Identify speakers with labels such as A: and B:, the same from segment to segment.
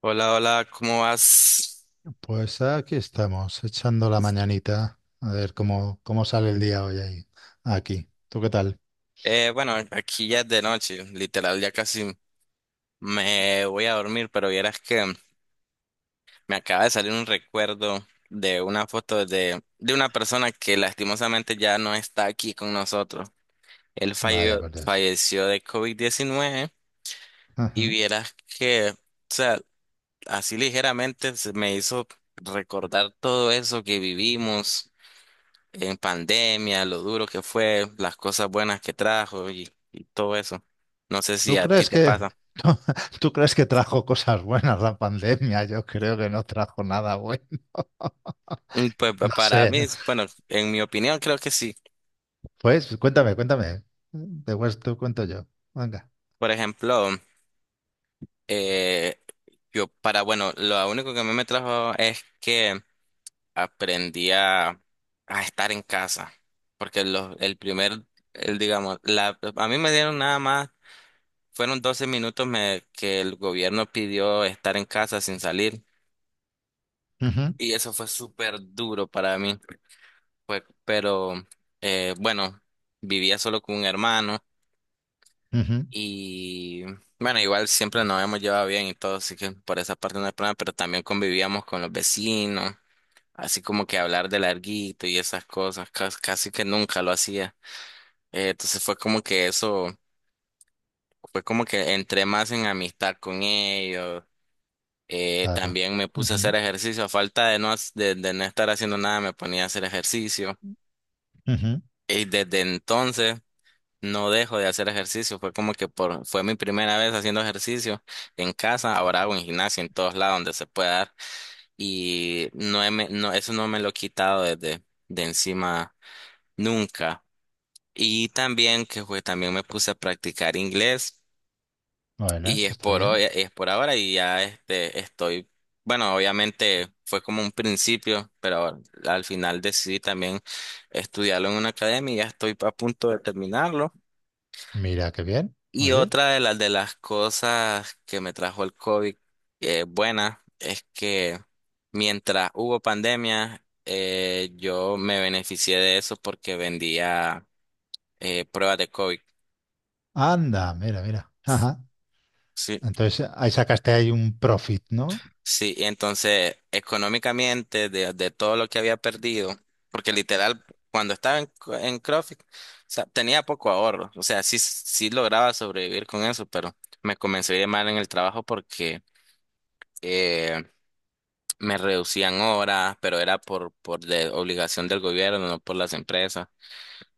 A: Hola, hola, ¿cómo vas?
B: Pues aquí estamos, echando la mañanita. A ver cómo sale el día hoy ahí, aquí. ¿Tú qué tal?
A: Bueno, aquí ya es de noche, literal, ya casi me voy a dormir, pero vieras que me acaba de salir un recuerdo de una foto de una persona que lastimosamente ya no está aquí con nosotros. Él
B: Vaya,
A: falleció,
B: perdes.
A: falleció de COVID-19 y
B: Ajá.
A: vieras que, o sea, así ligeramente se me hizo recordar todo eso que vivimos en pandemia, lo duro que fue, las cosas buenas que trajo y todo eso. No sé si
B: ¿Tú
A: a ti
B: crees
A: te
B: que,
A: pasa.
B: tú, crees que trajo cosas buenas la pandemia? Yo creo que no trajo nada bueno.
A: Pues
B: No
A: para
B: sé.
A: mí, bueno, en mi opinión creo que sí.
B: Pues cuéntame, cuéntame. Después te cuento yo. Venga.
A: Por ejemplo, eh, yo para, bueno, lo único que a mí me trajo es que aprendí a estar en casa, porque los el primer, el, digamos, la, a mí me dieron nada más, fueron 12 minutos me, que el gobierno pidió estar en casa sin salir.
B: Ujú,
A: Y eso fue súper duro para mí. Pues, pero bueno, vivía solo con un hermano
B: ujú.
A: y bueno, igual siempre nos habíamos llevado bien y todo, así que por esa parte no hay problema, pero también convivíamos con los vecinos, así como que hablar de larguito y esas cosas, casi que nunca lo hacía. Entonces fue como que eso, fue como que entré más en amistad con ellos.
B: Claro.
A: También me puse a
B: Ujú,
A: hacer ejercicio, a falta de no, de no estar haciendo nada, me ponía a hacer ejercicio.
B: ujú.
A: Y desde entonces. No dejo de hacer ejercicio, fue como que por, fue mi primera vez haciendo ejercicio en casa, ahora hago en gimnasia en todos lados donde se pueda dar y no, no eso no me lo he quitado desde de encima nunca. Y también que fue, también me puse a practicar inglés
B: Bueno,
A: y
B: eso
A: es
B: está
A: por
B: bien.
A: hoy, es por ahora y ya este estoy, bueno, obviamente fue como un principio, pero al final decidí también estudiarlo en una academia y ya estoy a punto de terminarlo.
B: Mira, qué bien.
A: Y
B: Oye.
A: otra de las cosas que me trajo el COVID buena es que mientras hubo pandemia, yo me beneficié de eso porque vendía pruebas de COVID.
B: Anda, mira, mira. Ajá.
A: Sí,
B: Entonces ahí sacaste ahí un profit, ¿no?
A: sí, y entonces económicamente de todo lo que había perdido, porque literal cuando estaba en CrossFit, o sea, tenía poco ahorro, o sea, sí, sí lograba sobrevivir con eso, pero me comencé a ir mal en el trabajo porque eh, me reducían horas, pero era por de obligación del gobierno, no por las empresas.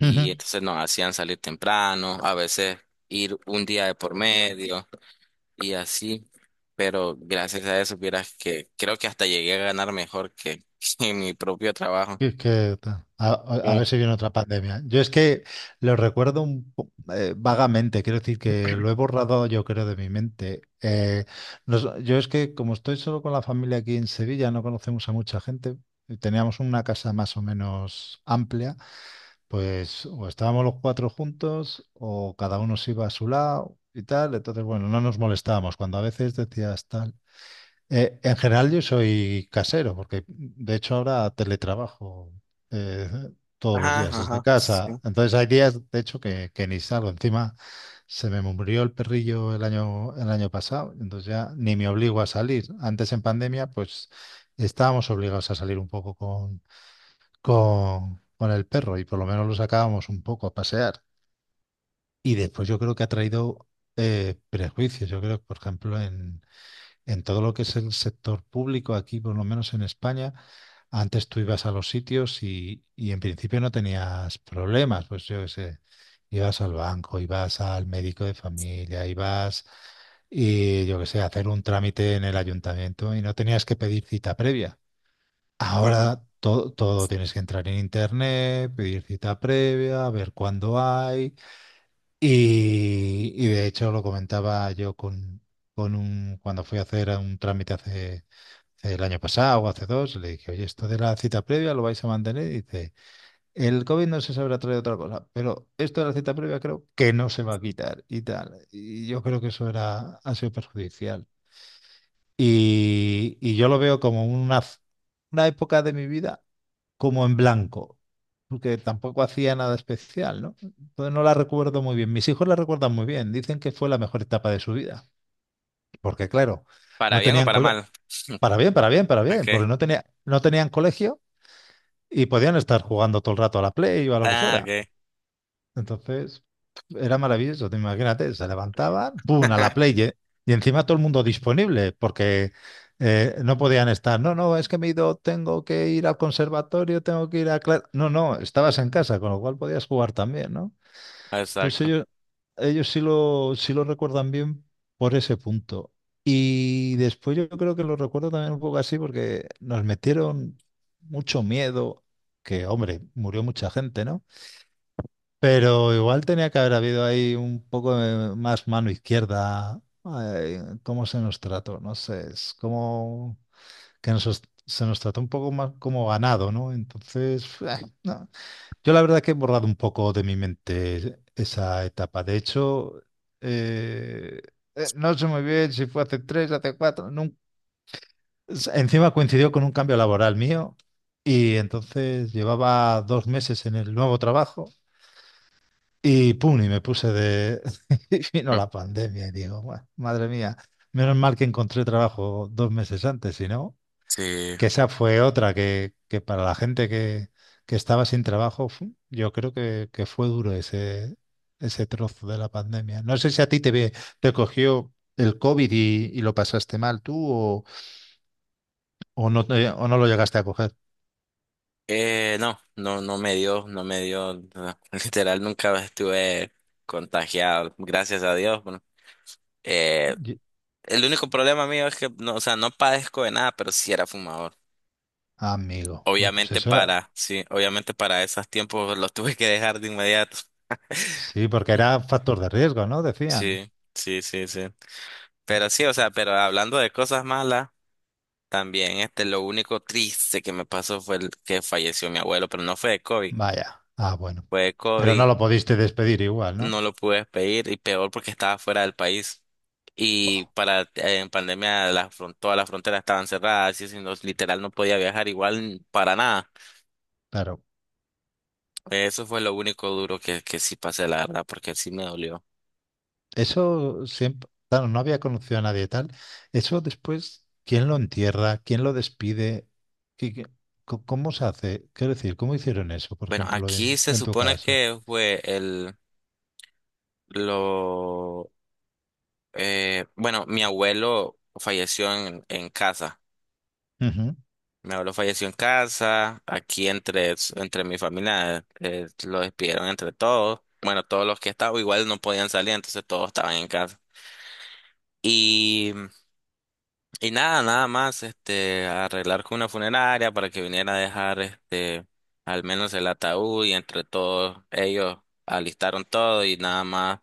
A: Y
B: Ujú.
A: entonces nos hacían salir temprano, a veces ir un día de por medio y así. Pero gracias a eso, vieras que creo que hasta llegué a ganar mejor que, que en mi propio trabajo.
B: Y es que a
A: Eh,
B: ver si viene otra pandemia. Yo es que lo recuerdo vagamente, quiero decir que lo he borrado yo creo de mi mente. Yo es que como estoy solo con la familia aquí en Sevilla, no conocemos a mucha gente, y teníamos una casa más o menos amplia, pues o estábamos los cuatro juntos o cada uno se iba a su lado y tal, entonces bueno, no nos molestábamos. Cuando a veces decías tal. En general yo soy casero, porque de hecho ahora teletrabajo eh, todos los
A: Ajá,
B: días desde
A: ajá,
B: casa.
A: sí.
B: Entonces hay días, de hecho, que ni salgo. Encima se me murió el perrillo el año pasado, entonces ya ni me obligo a salir. Antes en pandemia, pues estábamos obligados a salir un poco con el perro y por lo menos lo sacábamos un poco a pasear. Y después yo creo que ha traído prejuicios. Yo creo, que, por ejemplo, en todo lo que es el sector público, aquí por lo menos en España, antes tú ibas a los sitios y en principio no tenías problemas, pues yo qué sé, ibas al banco, ibas al médico de familia, ibas, y yo qué sé, a hacer un trámite en el ayuntamiento y no tenías que pedir cita previa.
A: Ujú.
B: Ahora todo tienes que entrar en internet, pedir cita previa, ver cuándo hay, y de hecho lo comentaba yo cuando fui a hacer un trámite hace el año pasado o hace dos, le dije, oye, esto de la cita previa lo vais a mantener. Y dice, el COVID no se sabrá traer otra cosa, pero esto de la cita previa creo que no se va a quitar y tal. Y yo creo que eso era, ha sido perjudicial. Y yo lo veo como una época de mi vida como en blanco, porque tampoco hacía nada especial, ¿no? Entonces no la recuerdo muy bien. Mis hijos la recuerdan muy bien, dicen que fue la mejor etapa de su vida, porque claro,
A: Para
B: no
A: bien o
B: tenían
A: para
B: cole-
A: mal.
B: para bien, para bien, para bien,
A: Okay.
B: porque no tenían colegio y podían estar jugando todo el rato a la Play o a lo que
A: Ah,
B: fuera.
A: okay.
B: Entonces, era maravilloso. Te imagínate, se levantaban, ¡pum!, a la play. ¿Eh? Y encima todo el mundo disponible, porque no podían estar. No, no, es que me he ido, tengo que ir al conservatorio, tengo que ir a clase. No, no, estabas en casa, con lo cual podías jugar también, ¿no? Entonces
A: Exacto.
B: ellos sí lo recuerdan bien por ese punto. Y después yo creo que lo recuerdo también un poco así, porque nos metieron mucho miedo, que, hombre, murió mucha gente, ¿no? Pero igual tenía que haber habido ahí un poco de más mano izquierda. Ay, ¿cómo se nos trató? No sé, es como que nos, se nos trató un poco más como ganado, ¿no? Entonces, no. Yo la verdad que he borrado un poco de mi mente esa etapa. De hecho, eh, no sé muy bien si fue hace tres, hace cuatro. Encima coincidió con un cambio laboral mío y entonces llevaba 2 meses en el nuevo trabajo. Y pum, y me puse de... y vino la pandemia y digo: "Buah, madre mía, menos mal que encontré trabajo 2 meses antes, si no,
A: Sí.
B: que esa fue otra que, para la gente que, estaba sin trabajo, fu, yo creo que fue duro ese, ese trozo de la pandemia. No sé si a ti te cogió el COVID y lo pasaste mal tú o, o no lo llegaste a coger.
A: No, no, no me dio, no me dio, no, literal nunca estuve contagiado, gracias a Dios. Bueno, eh,
B: Ye-
A: el único problema mío es que, no, o sea, no padezco de nada, pero sí era fumador.
B: Amigo, uy, pues
A: Obviamente
B: eso,
A: para, sí, obviamente para esos tiempos los tuve que dejar de inmediato.
B: sí, porque era factor de riesgo, ¿no? Decían.
A: Sí, sí, sí, sí. Pero sí, o sea, pero hablando de cosas malas, también este, lo único triste que me pasó fue el que falleció mi abuelo, pero no fue de COVID,
B: Vaya. Ah, bueno.
A: fue de
B: Pero no
A: COVID
B: lo pudiste despedir igual,
A: no
B: ¿no?
A: lo pude pedir y peor porque estaba fuera del país. Y
B: Buah,
A: para en pandemia la todas las fronteras estaban cerradas, y si no, literal no podía viajar igual para nada.
B: claro.
A: Eso fue lo único duro que sí pasé, la verdad, porque sí me dolió.
B: Eso siempre, claro, no había conocido a nadie tal. Eso después, ¿quién lo entierra? ¿Quién lo despide? ¿Qué- qué- cómo se hace? Quiero decir, ¿cómo hicieron eso, por
A: Bueno,
B: ejemplo,
A: aquí se
B: en tu
A: supone
B: caso?
A: que fue el lo bueno, mi abuelo falleció en casa.
B: Ujú.
A: Mi abuelo falleció en casa, aquí entre mi familia lo despidieron entre todos. Bueno, todos los que estaban igual no podían salir, entonces todos estaban en casa. Y, y nada, nada más, este, arreglar con una funeraria para que viniera a dejar este, al menos el ataúd y entre todos ellos alistaron todo y nada más.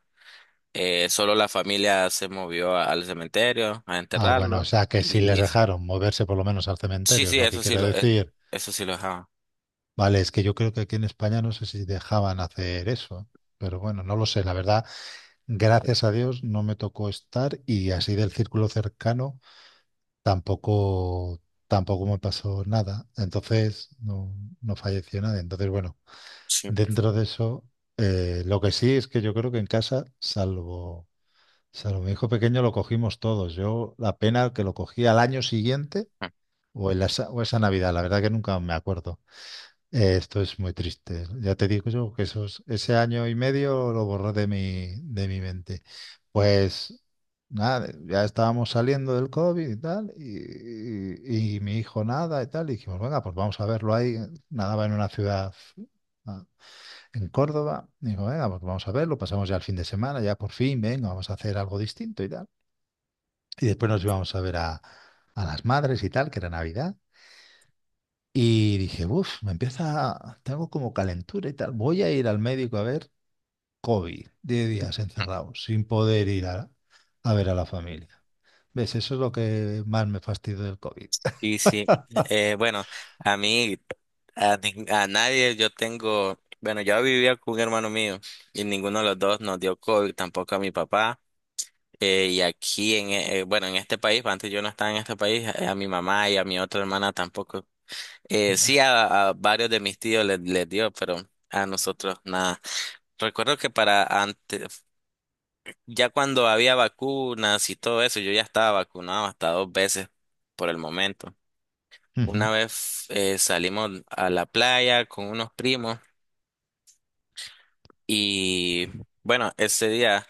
A: Solo la familia se movió al cementerio a
B: Ah, bueno, o
A: enterrarlo
B: sea que si
A: y
B: les
A: listo.
B: dejaron moverse por lo menos al
A: Sí,
B: cementerio, es
A: sí,
B: lo que quiero decir.
A: eso sí lo dejaba.
B: Vale, es que yo creo que aquí en España no sé si dejaban hacer eso, pero bueno, no lo sé, la verdad. Gracias a Dios no me tocó estar y así del círculo cercano tampoco, tampoco me pasó nada. Entonces no, no falleció nadie. Entonces, bueno,
A: Sí.
B: dentro de eso, lo que sí es que yo creo que en casa, salvo mi hijo pequeño, lo cogimos todos. Yo la pena que lo cogí al año siguiente o, en la esa, o esa Navidad, la verdad que nunca me acuerdo. Esto es muy triste. Ya te digo yo que esos, ese año y medio lo borré de de mi mente. Pues nada, ya estábamos saliendo del COVID y tal, y mi hijo nada y tal. Y dijimos, venga, pues vamos a verlo ahí. Nadaba en una ciudad ah, en Córdoba. Y dijo, venga, pues vamos a verlo. Pasamos ya el fin de semana, ya por fin, venga, vamos a hacer algo distinto y tal. Y después nos íbamos a ver a las madres y tal, que era Navidad. Y dije, uff, me empieza, tengo como calentura y tal. Voy a ir al médico a ver. COVID, 10 días encerrados, sin poder ir a ver a la familia. ¿Ves? Eso es lo que más me fastidió del COVID.
A: Sí, sí. Bueno, a mí, a nadie, yo tengo, bueno, yo vivía con un hermano mío y ninguno de los dos nos dio COVID, tampoco a mi papá. Y aquí, bueno, en este país, antes yo no estaba en este país, mi mamá y a mi otra hermana tampoco.
B: Bueno,
A: Sí, a varios de mis tíos les dio, pero a nosotros nada. Recuerdo que para antes, ya cuando había vacunas y todo eso, yo ya estaba vacunado hasta dos veces por el momento.
B: ujú,
A: Una vez salimos a la playa con unos primos y bueno, ese día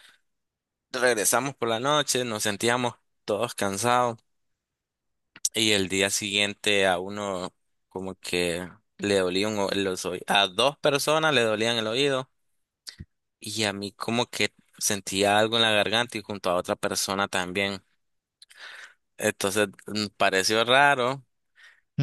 A: regresamos por la noche, nos sentíamos todos cansados y el día siguiente a uno como que le dolía los oídos, a dos personas le dolían el oído y a mí como que sentía algo en la garganta y junto a otra persona también. Entonces pareció raro.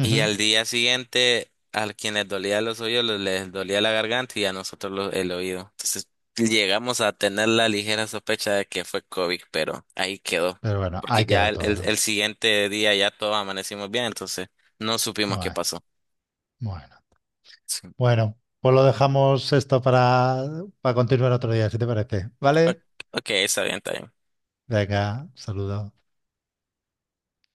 A: Y al día siguiente, a quienes dolía los oídos, les dolía la garganta y a nosotros el oído. Entonces llegamos a tener la ligera sospecha de que fue COVID, pero ahí quedó.
B: Pero bueno,
A: Porque
B: ahí
A: ya
B: quedó todo, ¿no?
A: el siguiente día ya todos amanecimos bien, entonces no supimos qué
B: Bueno,
A: pasó.
B: bueno.
A: Sí.
B: Bueno, pues lo dejamos esto para continuar otro día, si te parece.
A: O-
B: ¿Vale?
A: Ok, está bien, está bien.
B: Venga, saludos.